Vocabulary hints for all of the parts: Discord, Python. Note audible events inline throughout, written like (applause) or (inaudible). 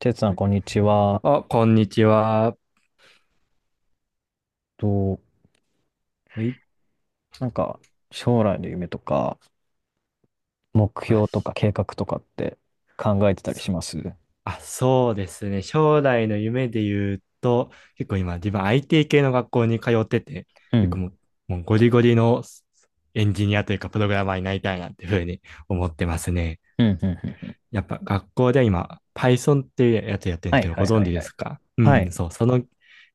てつさん、はい。こんにちは。あ、こんにちは。と、はい。なんか、将来の夢とか、目あ、標とか計画とかって考えてたりしそますあ、そうですね。将来の夢で言うと、結構今自分 IT 系の学校に通ってて、う結構ん、もうゴリゴリのエンジニアというかプログラマーになりたいなっていうふうに思ってますね。うん、うん、うん。やっぱ学校で今、Python っていうやつやってるんではすけいど、はごい存は知いではすい。か？うはん、そい。う、その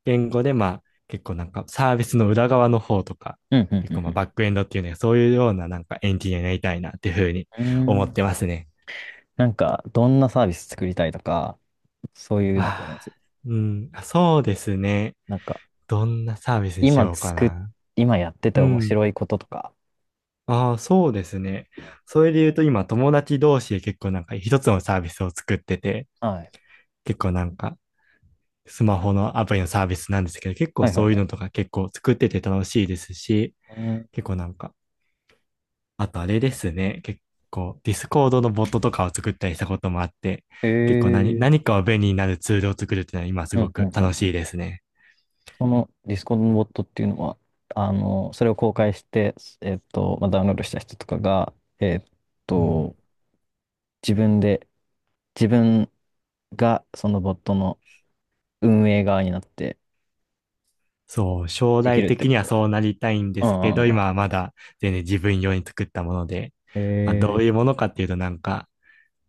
言語で、まあ、結構なんかサービスの裏側の方とか、うん、う結ん、う構まあん、バックエンドっていうね、そういうようななんかエンジニアになりたいなっていうふうにうん。思うーっん。てますね。どんなサービス作りたいとか、そういうのってありまあす？あ、うん、あ、そうですね。なんか、どんなサービスにし今ようか作っ、な。今やっててう面ん。白いこととか。ああ、そうですね。それで言うと今友達同士で結構なんか一つのサービスを作ってて、はい。結構なんかスマホのアプリのサービスなんですけど、結構はいはそいういうはのい。とか結構作ってて楽しいですし、うん。結構なんか、あとあれですね、結構ディスコードのボットとかを作ったりしたこともあって、へ結構え。何かを便利になるツールを作るっていうのは今すうごん、うくん、う楽しいん。ですね。そのディスコードのボットっていうのは、それを公開して、ダウンロードした人とかが、えっうん、と、自分で、自分がそのボットの運営側になってそう、将でき来るって的こにはと？そうなりたいんでうんうすけど、んうん。今はまだ全然自分用に作ったもので、まあ、どえういー、うものかっていうとなんか、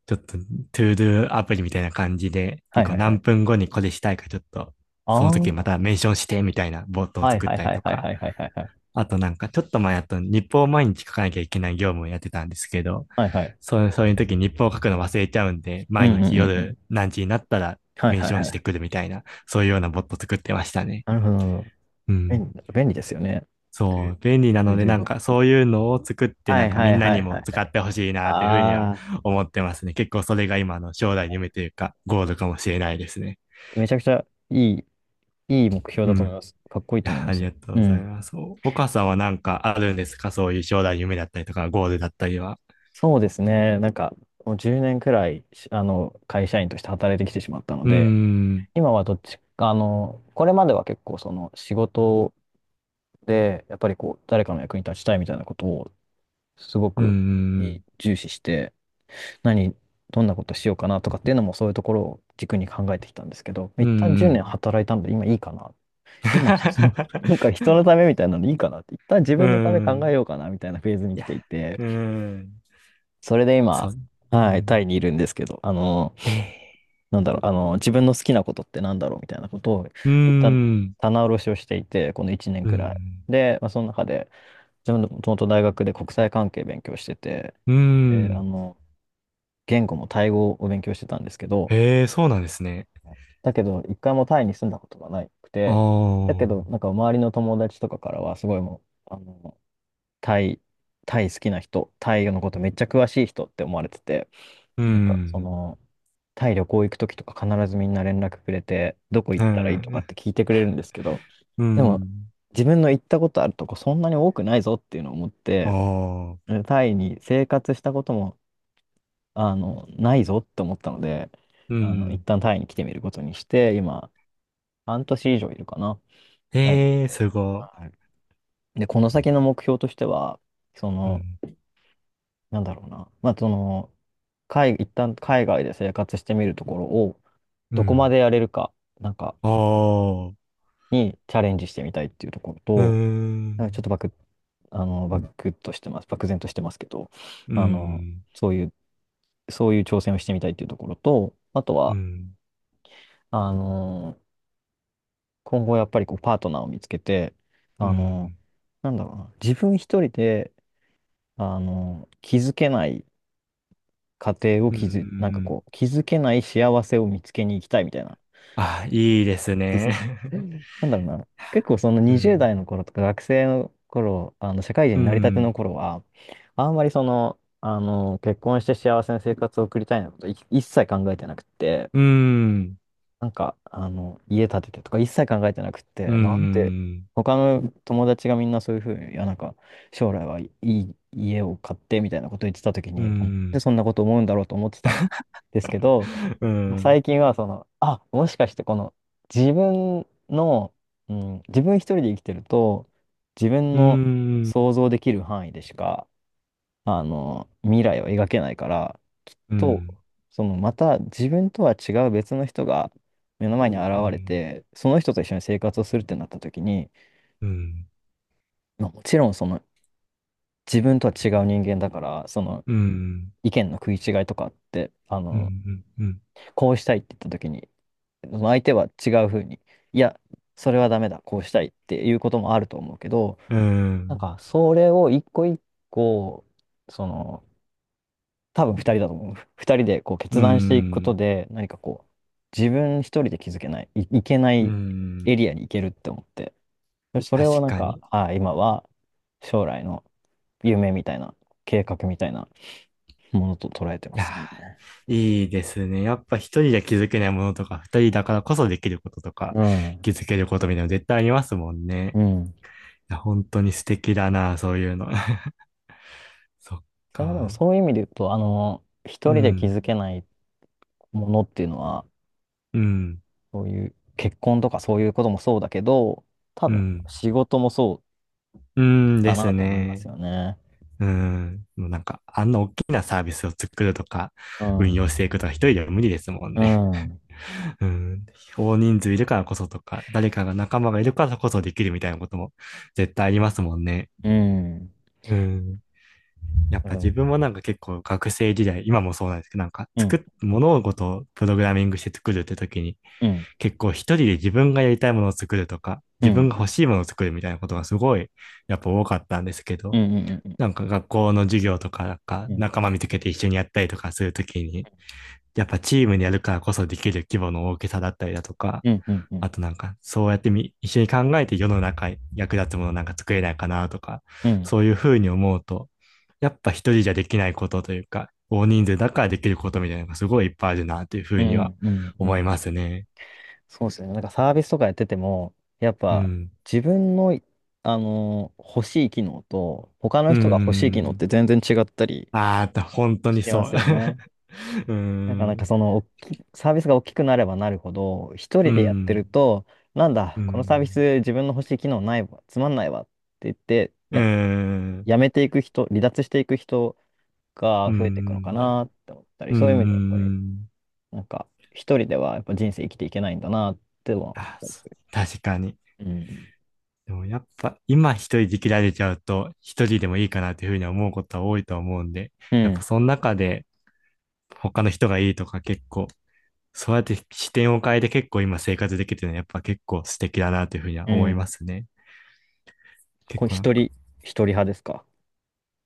ちょっと、トゥードゥアプリみたいな感じで、は結い構はいは何い。分後にこれしたいか、ちょっと、あその時まあ、たメンションしてみたいなボットをはい作っはいたりはいとはいか、はいはいはいはい。あとなんか、ちょっと前あと日報を毎日書かなきゃいけない業務をやってたんですけど、はいはい。そう、そういう時日報を書くの忘れちゃうんで、うん毎うんう日んうん。夜何時になったらはいメンはいショはンしてくい。るみたいな、そういうようなボット作ってましたね。なるほどなるほど。うん。便利、便利ですよね。そでう、便利なそれので、でなんボッかそトういうのを作って、はなんいかはみんいなはにいはもい。使ってほしいな、ていうふうにはあ思ってますね。結構それが今の将来の夢というか、ゴールかもしれないですね。あ、めちゃくちゃいい、いい目標うだと思ん。います。いかっこいいと思いや、まありす。がとううございん。ます。お岡さんはなんかあるんですか？そういう将来の夢だったりとか、ゴールだったりは。そうですね。もう10年くらい、会社員として働いてきてしまったのうーで、ん、今はどっちか、あの、これまでは結構その仕事で、やっぱりこう、誰かの役に立ちたいみたいなことを、すごうーくん、重視して、何、どんなことしようかなとかっていうのもそういうところを軸に考えてきたんですけど、うー一ん、う旦10ー年ん。働いたので今いいかな。今、(laughs) なんか人の (laughs) ためみたいなのでいいかなって、一旦自うー分のため考えん、ようかなみたいなフェーズにい来や、ていて、うーん、それでそ今、う、うはい、タん、イにいるんですけど、え自分の好きなことってなんだろうみたいなことを、うー一旦ん、棚卸しをしていて、この1年うーくらい。ん、で、まあ、その中で、自分のもともと大学で国際関係勉強してて、うーで、ん。言語もタイ語を勉強してたんですけど、へえ、そうなんですね。だけど、一回もタイに住んだことがなくあて、だけど、あ、なんか周りの友達とかからは、すごいもう、あの、タイ、タイ好きな人、タイのことめっちゃ詳しい人って思われてて、うなんか、そん、の、タイ旅行行くときとか必ずみんな連絡くれて、どこ行うったらいいとかっん、て聞いてくれるんですけど、うでもん、自分の行ったことあるとこそんなに多くないぞっていうのを思って、ああ、タイに生活したことも、ないぞって思ったので、う一ん、旦タイに来てみることにして、今、半年以上いるかな、タイに。へえ、すごはい、で、この先の目標としては、そい。うの、ん、なんだろうな、まあ、その、海、一旦海外で生活してみるところを、うどこまん、でやれるか、なんか、ああ、にチャレンジしてみたいっていうところうと、なんかちょっとん、バク、あの、バクッとしてます、漠然としてますけど、うあの、ん、そういう、そういう挑戦をしてみたいっていうところと、あとうは、ん、あの、今後やっぱりこうパートナーを見つけて、うあの、ん、なんだろうな、自分一人で、あの、気づけない家庭をうん、うん、気うん、づ、なんかうん、こう、気づけない幸せを見つけに行きたいみたいな。 あ、いいですね。(laughs) なんだろうな。結構そのう20ん、代の頃とか学生の頃、あの社会人うになりたてのん、頃は、あんまりその、あの、結婚して幸せな生活を送りたいなことい一切考えてなくって、うん、家建ててとか一切考えてなくっうん、て、うなんで、ん、他の友達がみんなそういうふうに、将来はいい家を買ってみたいなこと言ってた時うに、なんでん、そんなこと思うんだろうと思ってたんですけど、うん、最近はその、あ、もしかしてこの自分の、うん、自分一人で生きてると、自分うん、うのん、想像できる範囲でしか、未来を描けないから、きっうとん、そのまた自分とは違う別の人が目の前に現うれん、て、その人と一緒に生活をするってなった時に、うん、うん、まあ、もちろんその自分とは違う人間だから、そのうん、意見の食い違いとかって、うん、うん、うん。こうしたいって言った時にその相手は違うふうに、いや、それはダメだ、こうしたいっていうこともあると思うけど、うなんん。か、それを一個一個、その、多分二人だと思う。二人でこうう決断していくことん。で、何かこう、自分一人で気づけない、いけなういん。エリアに行けるって思って、でそれを確なんかに。か、いああ、今は将来の夢みたいな、計画みたいなものと捉えてまやすね。ー、いいですね。やっぱ一人で気づけないものとか、二人だからこそできることとか、うん。気づけることみたいなの絶対ありますもんね。うん。いや、本当に素敵だな、そういうの。(laughs) そっそれはでもか。そういう意味で言うと、う一人で気ん。づけないものっていうのは、うん。そういう結婚とかそういうこともそうだけど、多う分ん。仕事もそうんうかですなと思いまね。すよね。うん。もうなんか、あんな大きなサービスを作るとか、う運ん。用していくとか、一人では無理ですもんうね。ん。うん。大人数いるからこそとか、誰かが仲間がいるからこそできるみたいなことも絶対ありますもんね。うん。うん。やっうぱ自ん。分もなんか結構学生時代、今もそうなんですけど、なんかうん。物事をプログラミングして作るって時に、うん。結構一人で自分がやりたいものを作るとか、う自分がん。欲しいものを作るみたいなことがすごい、やっぱ多かったんですけうど、ん。うん。なんか学校の授業とか、なんかうん。仲間見つけて一緒にやったりとかするときに、やっぱチームでやるからこそできる規模の大きさだったりだとか、うん。うん。うあん。となんか、そうやってみ、一緒に考えて世の中に役立つものなんか作れないかなとか、うん。そういうふうに思うと、やっぱ一人じゃできないことというか、大人数だからできることみたいなのがすごいいっぱいあるなというふううにはん。う思いん。ますね。そうですよね。なんかサービスとかやってても、やっうぱん。自分の、あのー欲しい機能と、他うのー人が欲しい機能っん。て全然違ったりああ、本当しにてまそう。(laughs) すうよね。ーなんかなんん。かその大きサービスが大きくなればなるほど、一う人でやってるん。と、なんうだ、このサービん。ス自分の欲しい機能ないわ、つまんないわって言って、うーん。やめていく人、離脱していく人うがー増えていくのかん。なって思ったり、うーそういう意味ではやっぱり、ん。なんか一人ではやっぱ人生生きていけないんだなっては思っあ、たりそう、する。確かに。うん。でもやっぱ今一人で切られちゃうと一人でもいいかなというふうに思うことは多いと思うんで、うやっぱん。その中で他の人がいいとか結構、そうやって視点を変えて結構今生活できてるのはやっぱ結構素敵だなというふうにはう思いん。ますね。こ結れ構なん一か、人、一人派ですか？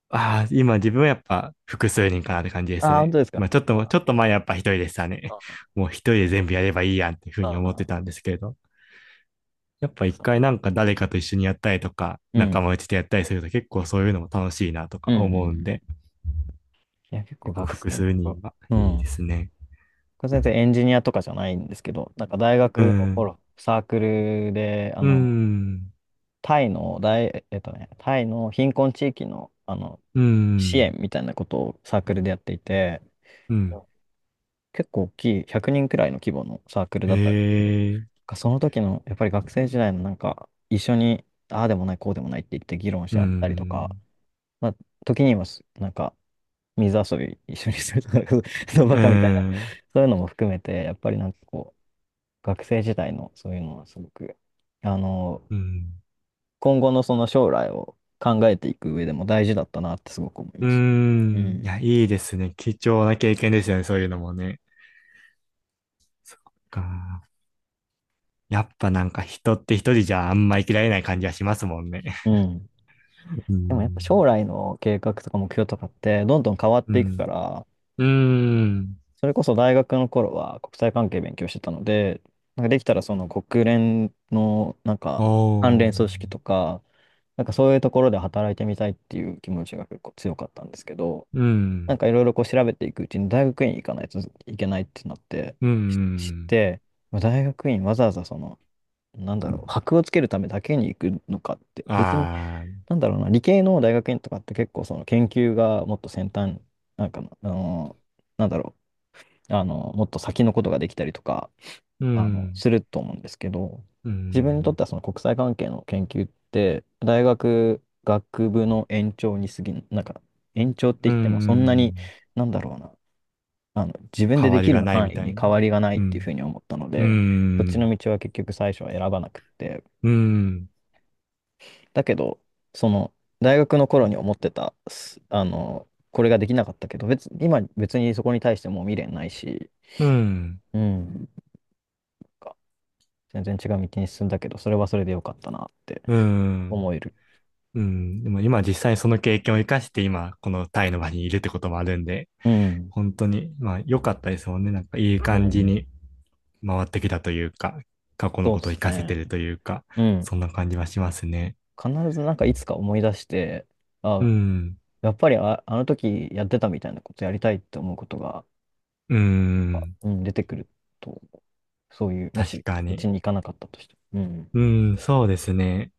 ああ、今自分はやっぱ複数人かなって感じですああー、本ね。当ですまか。あちょっと、ちょあっと前やっぱ一人でしたね。あ、あもう一人で全部やればいいやんっていうふうにあ、思ってあたんですけれど。やっぱあ一そう。回なんか誰かと一緒にやったりとか、う仲ん。間内でやったりすると結構そういうのも楽しいなとかうん。うんう思うんん、で、いや、結構結構学複生の数人頃。はういいでん、すね。これ全然エンジニアとかじゃないんですけど、なんか大う学のん。頃、サークルで、うん。タイの大、えっとね、タイの貧困地域の、う支援ん。みたいなことをサークルでやっていて、うん。結構大きい、100人、くにんくらいの規模のサークルだったんですけど、なんへえ。かその時の、やっぱり学生時代のなんか、一緒に、ああでもない、こうでもないって言って議論うし合ったりとか、ん。まあ、時にはす、なんか、水遊び一緒にするとか、(laughs) そうバうカみたいな、ん。そういうのも含めて、やっぱりなんかこう、学生時代のそういうのはすごく、あの、うん。今後のその将来を考えていく上でも大事だったなってすごく思いうますん。いね。や、いいですね。貴重な経験ですよね。そういうのもね。か、やっぱなんか人って一人じゃあんま生きられない感じはしますもんね。うん。うん。うでもやっぱん。将来の計画とか目標とかってどんどん変わっうていくかん。ら、うん。それこそ大学の頃は国際関係勉強してたので、なんかできたらその国連のなんおか関連組ー。織とか、なんかそういうところで働いてみたいっていう気持ちが結構強かったんですけど、うなんん。かいろいろこう調べていくうちに大学院行かないといけないってなってう知っん。て、まあ大学院わざわざその、なんだろう、箔をつけるためだけに行くのかって、別に、ああ、なんだろうな、理系の大学院とかって結構その研究がもっと先端、なんかの、あの、なんだろう、あの、もっと先のことができたりとか、うん。すると思うんですけど、う自分にとっん。てはその国際関係の研究って、大学学部の延長に過ぎん、なんか延長ってう言ってもそんなん。に、なんだろうな、自分で変でわりきがるない範み囲たにい変な。わりがないっうていうふん。うに思ったのうで、そっちのん。道は結局最初は選ばなくって、うん。だけど、その、大学の頃に思ってた、すあの、これができなかったけど、今別にそこに対してもう未練ないし、うん。うん、なんか全然違う道に進んだけど、それはそれでよかったなってうん。思える。うん、でも今実際にその経験を生かして今このタイの場にいるってこともあるんで、うん、本当に、まあ良かったですもんね。なんかいいう感じん、に回ってきたというか、過去のそうこでとをす生かせてね。るというか、うん、そんな感じはしますね。必ずなんかいつか思い出して、うあ、ん。やっぱりあ、あの時やってたみたいなことやりたいって思うことが、うん。うん、出てくると、そういう、も確しかそっちに。に行かなかったとしても、うん、うん、そうですね。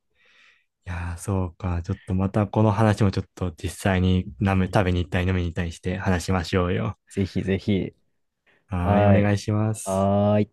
いやー、そうか。ちょっとまたこの話もちょっと実際に飲む、食べに行ったり飲みに行ったりして話しましょうよ。ぜひぜひ、はーい、おは願いい、します。はーい。